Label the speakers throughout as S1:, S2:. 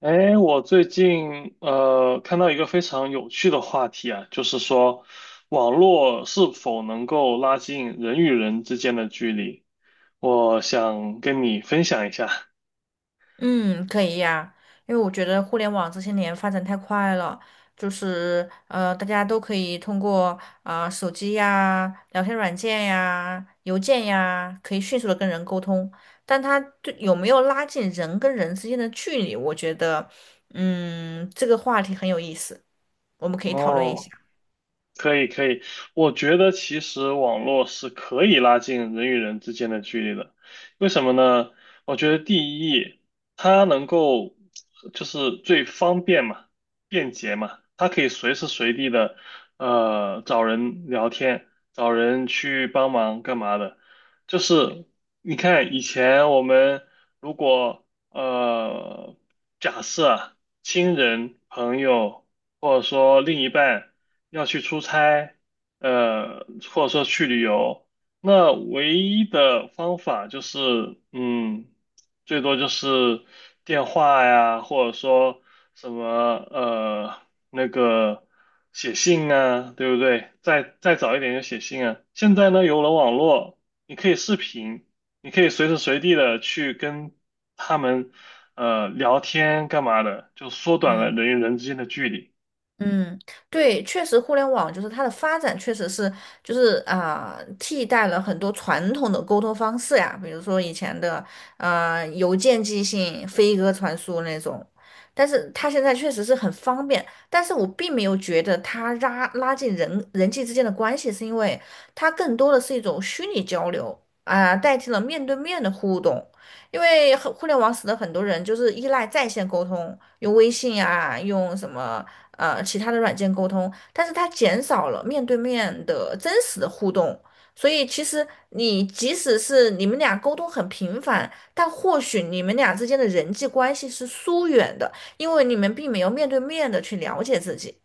S1: 哎，我最近看到一个非常有趣的话题啊，就是说网络是否能够拉近人与人之间的距离，我想跟你分享一下。
S2: 嗯，可以呀，因为我觉得互联网这些年发展太快了，就是大家都可以通过啊、手机呀、聊天软件呀、邮件呀，可以迅速的跟人沟通。但它对有没有拉近人跟人之间的距离，我觉得，嗯，这个话题很有意思，我们可以讨论一下。
S1: 哦。可以，我觉得其实网络是可以拉近人与人之间的距离的。为什么呢？我觉得第一，它能够就是最方便嘛，便捷嘛，它可以随时随地的找人聊天，找人去帮忙干嘛的。就是你看以前我们如果呃假设啊，亲人朋友。或者说另一半要去出差，呃，或者说去旅游，那唯一的方法就是，嗯，最多就是电话呀，或者说什么那个写信啊，对不对？再早一点就写信啊。现在呢，有了网络，你可以视频，你可以随时随地的去跟他们聊天干嘛的，就缩短了
S2: 嗯。
S1: 人与人之间的距离。
S2: 嗯，对，确实，互联网就是它的发展，确实是就是啊、替代了很多传统的沟通方式呀，比如说以前的邮件寄信、飞鸽传书那种，但是它现在确实是很方便，但是我并没有觉得它拉近人际之间的关系，是因为它更多的是一种虚拟交流啊、代替了面对面的互动，因为很互联网使得很多人就是依赖在线沟通，用微信啊，用什么。其他的软件沟通，但是它减少了面对面的真实的互动。所以其实你即使是你们俩沟通很频繁，但或许你们俩之间的人际关系是疏远的，因为你们并没有面对面的去了解自己。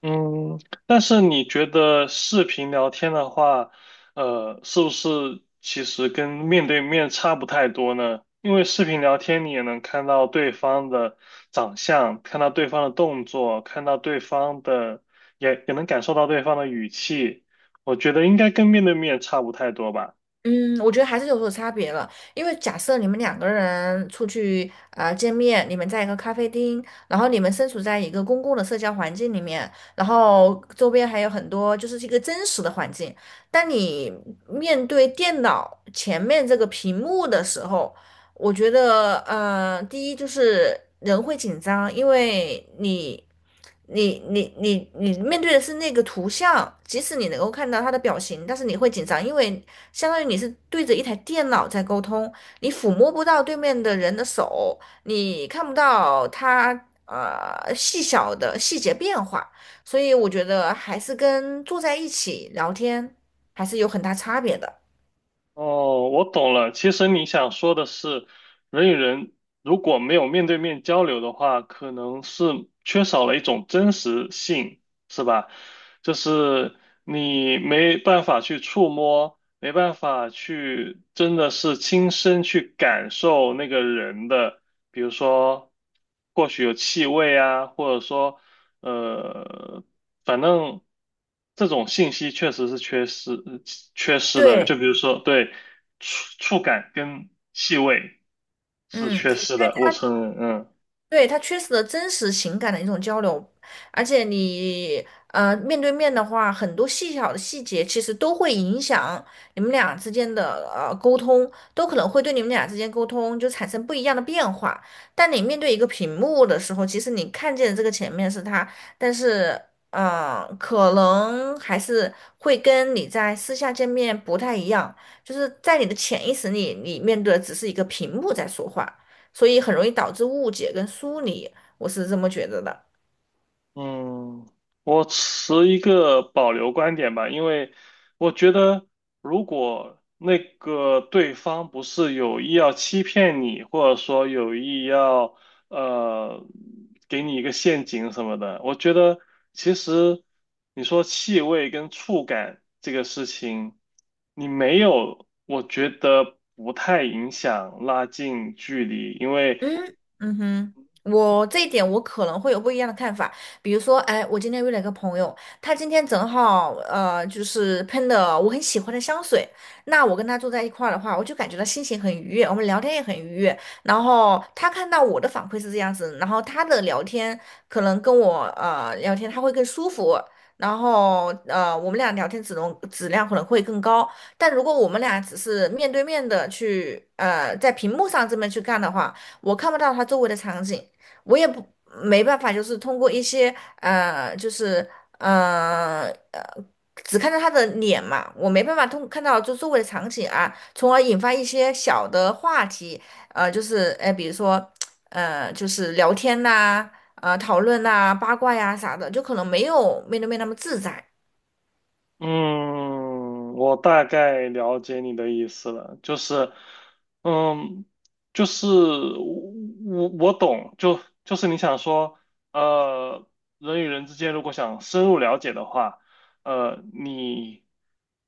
S1: 嗯，但是你觉得视频聊天的话，呃，是不是其实跟面对面差不太多呢？因为视频聊天你也能看到对方的长相，看到对方的动作，看到对方的，也能感受到对方的语气。我觉得应该跟面对面差不太多吧。
S2: 嗯，我觉得还是有所差别了，因为假设你们两个人出去啊见面，你们在一个咖啡厅，然后你们身处在一个公共的社交环境里面，然后周边还有很多就是一个真实的环境。当你面对电脑前面这个屏幕的时候，我觉得第一就是人会紧张，因为你。你面对的是那个图像，即使你能够看到他的表情，但是你会紧张，因为相当于你是对着一台电脑在沟通，你抚摸不到对面的人的手，你看不到他细小的细节变化，所以我觉得还是跟坐在一起聊天还是有很大差别的。
S1: 哦，我懂了。其实你想说的是，人与人如果没有面对面交流的话，可能是缺少了一种真实性，是吧？就是你没办法去触摸，没办法去真的是亲身去感受那个人的，比如说，或许有气味啊，或者说呃，反正这种信息确实是缺失，缺失的。就
S2: 对，
S1: 比如说，对，触感跟气味是
S2: 嗯，
S1: 缺失的，我承认，嗯。
S2: 对，他缺失的真实情感的一种交流，而且你面对面的话，很多细小的细节其实都会影响你们俩之间的沟通，都可能会对你们俩之间沟通就产生不一样的变化。但你面对一个屏幕的时候，其实你看见这个前面是他，但是可能还是会跟你在私下见面不太一样，就是在你的潜意识里，你面对的只是一个屏幕在说话。所以很容易导致误解跟疏离，我是这么觉得的。
S1: 嗯，我持一个保留观点吧，因为我觉得如果那个对方不是有意要欺骗你，或者说有意要呃给你一个陷阱什么的，我觉得其实你说气味跟触感这个事情，你没有，我觉得不太影响拉近距离，因为。
S2: 嗯嗯哼，我这一点我可能会有不一样的看法。比如说，哎，我今天约了一个朋友，他今天正好就是喷的我很喜欢的香水。那我跟他坐在一块儿的话，我就感觉到心情很愉悦，我们聊天也很愉悦。然后他看到我的反馈是这样子，然后他的聊天可能跟我聊天他会更舒服。然后，我们俩聊天质量可能会更高，但如果我们俩只是面对面的去，在屏幕上这么去干的话，我看不到他周围的场景，我也不没办法，就是通过一些呃，就是呃呃，只看到他的脸嘛，我没办法通看到就周围的场景啊，从而引发一些小的话题，就是比如说就是聊天呐、讨论呐、八卦呀、啥的，就可能没有面对面那么自在。
S1: 嗯，我大概了解你的意思了，就是，嗯，就是我懂，就是你想说，呃，人与人之间如果想深入了解的话，呃，你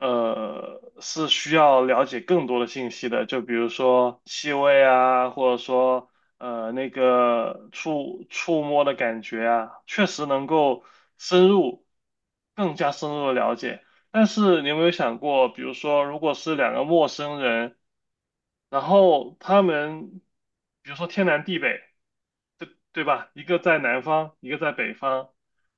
S1: 是需要了解更多的信息的，就比如说气味啊，或者说那个触摸的感觉啊，确实能够深入，更加深入的了解。但是你有没有想过，比如说，如果是两个陌生人，然后他们，比如说天南地北。对吧？一个在南方，一个在北方，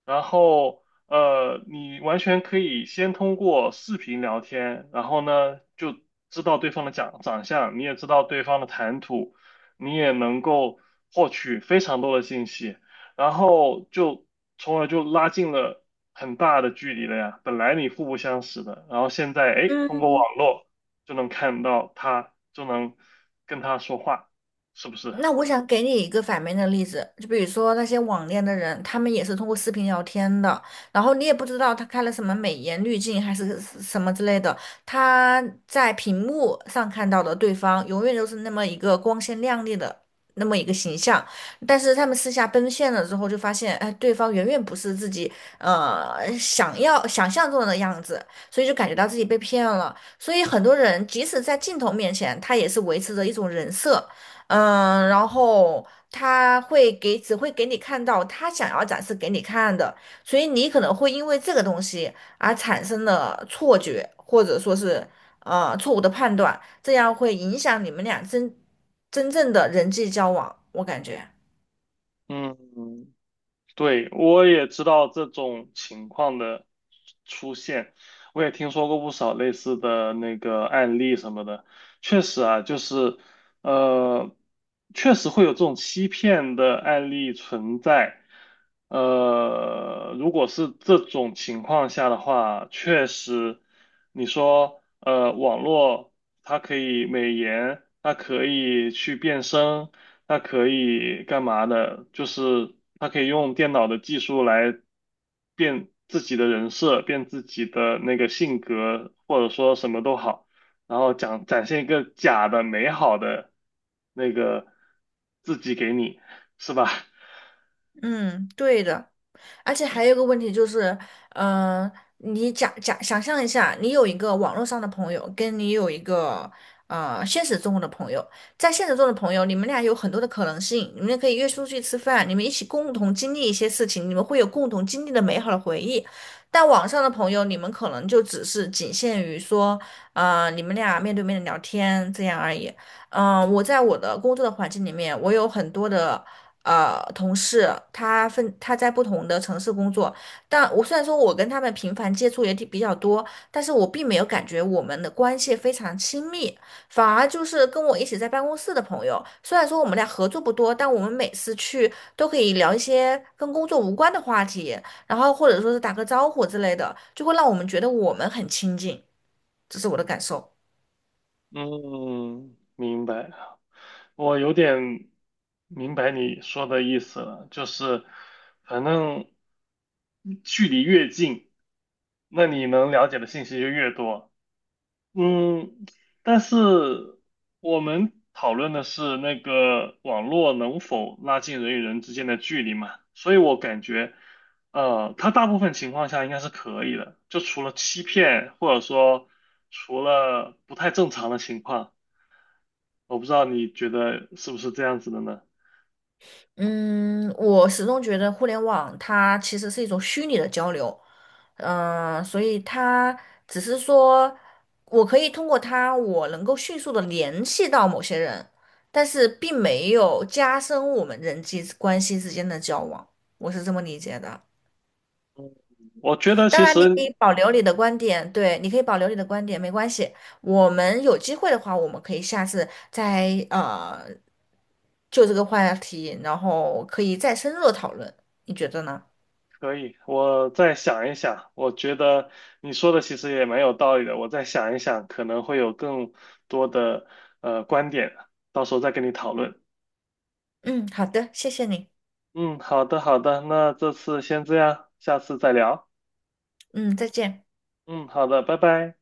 S1: 然后呃，你完全可以先通过视频聊天，然后呢就知道对方的长相，你也知道对方的谈吐，你也能够获取非常多的信息，然后就从而就拉近了很大的距离了呀。本来你互不相识的，然后现在哎，通过
S2: 嗯。
S1: 网络就能看到他，就能跟他说话，是不是？
S2: 那我想给你一个反面的例子，就比如说那些网恋的人，他们也是通过视频聊天的，然后你也不知道他开了什么美颜滤镜还是什么之类的，他在屏幕上看到的对方永远都是那么一个光鲜亮丽的那么一个形象，但是他们私下奔现了之后，就发现，哎，对方远远不是自己想要想象中的样子，所以就感觉到自己被骗了。所以很多人即使在镜头面前，他也是维持着一种人设。嗯，然后他会给，只会给你看到他想要展示给你看的，所以你可能会因为这个东西而产生了错觉，或者说是错误的判断，这样会影响你们俩真正的人际交往，我感觉。
S1: 嗯，对，我也知道这种情况的出现，我也听说过不少类似的那个案例什么的。确实啊，就是呃，确实会有这种欺骗的案例存在。呃，如果是这种情况下的话，确实，你说网络它可以美颜，它可以去变声。它可以干嘛的？就是它可以用电脑的技术来变自己的人设，变自己的那个性格，或者说什么都好，然后讲展现一个假的美好的那个自己给你，是吧？
S2: 嗯，对的。而且还有一个问题就是，嗯、你假想象一下，你有一个网络上的朋友，跟你有一个现实中的朋友，在现实中的朋友，你们俩有很多的可能性，你们可以约出去吃饭，你们一起共同经历一些事情，你们会有共同经历的美好的回忆。但网上的朋友，你们可能就只是仅限于说，你们俩面对面的聊天这样而已。嗯、我在我的工作的环境里面，我有很多的同事，他在不同的城市工作，但我虽然说我跟他们频繁接触也挺比较多，但是我并没有感觉我们的关系非常亲密，反而就是跟我一起在办公室的朋友，虽然说我们俩合作不多，但我们每次去都可以聊一些跟工作无关的话题，然后或者说是打个招呼之类的，就会让我们觉得我们很亲近，这是我的感受。
S1: 嗯，明白。我有点明白你说的意思了，就是反正距离越近，那你能了解的信息就越多。嗯，但是我们讨论的是那个网络能否拉近人与人之间的距离嘛，所以我感觉，呃，它大部分情况下应该是可以的，就除了欺骗，或者说除了不太正常的情况，我不知道你觉得是不是这样子的呢？
S2: 嗯，我始终觉得互联网它其实是一种虚拟的交流，嗯、所以它只是说我可以通过它，我能够迅速的联系到某些人，但是并没有加深我们人际关系之间的交往，我是这么理解的。
S1: 我觉得
S2: 当
S1: 其
S2: 然，你可
S1: 实
S2: 以保留你的观点，对，你可以保留你的观点，没关系。我们有机会的话，我们可以下次再呃就这个话题，然后可以再深入的讨论，你觉得呢？
S1: 可以，我再想一想。我觉得你说的其实也蛮有道理的，我再想一想，可能会有更多的观点，到时候再跟你讨论。
S2: 嗯，好的，谢谢你。
S1: 嗯，好的，好的，那这次先这样，下次再聊。
S2: 嗯，再见。
S1: 嗯，好的，拜拜。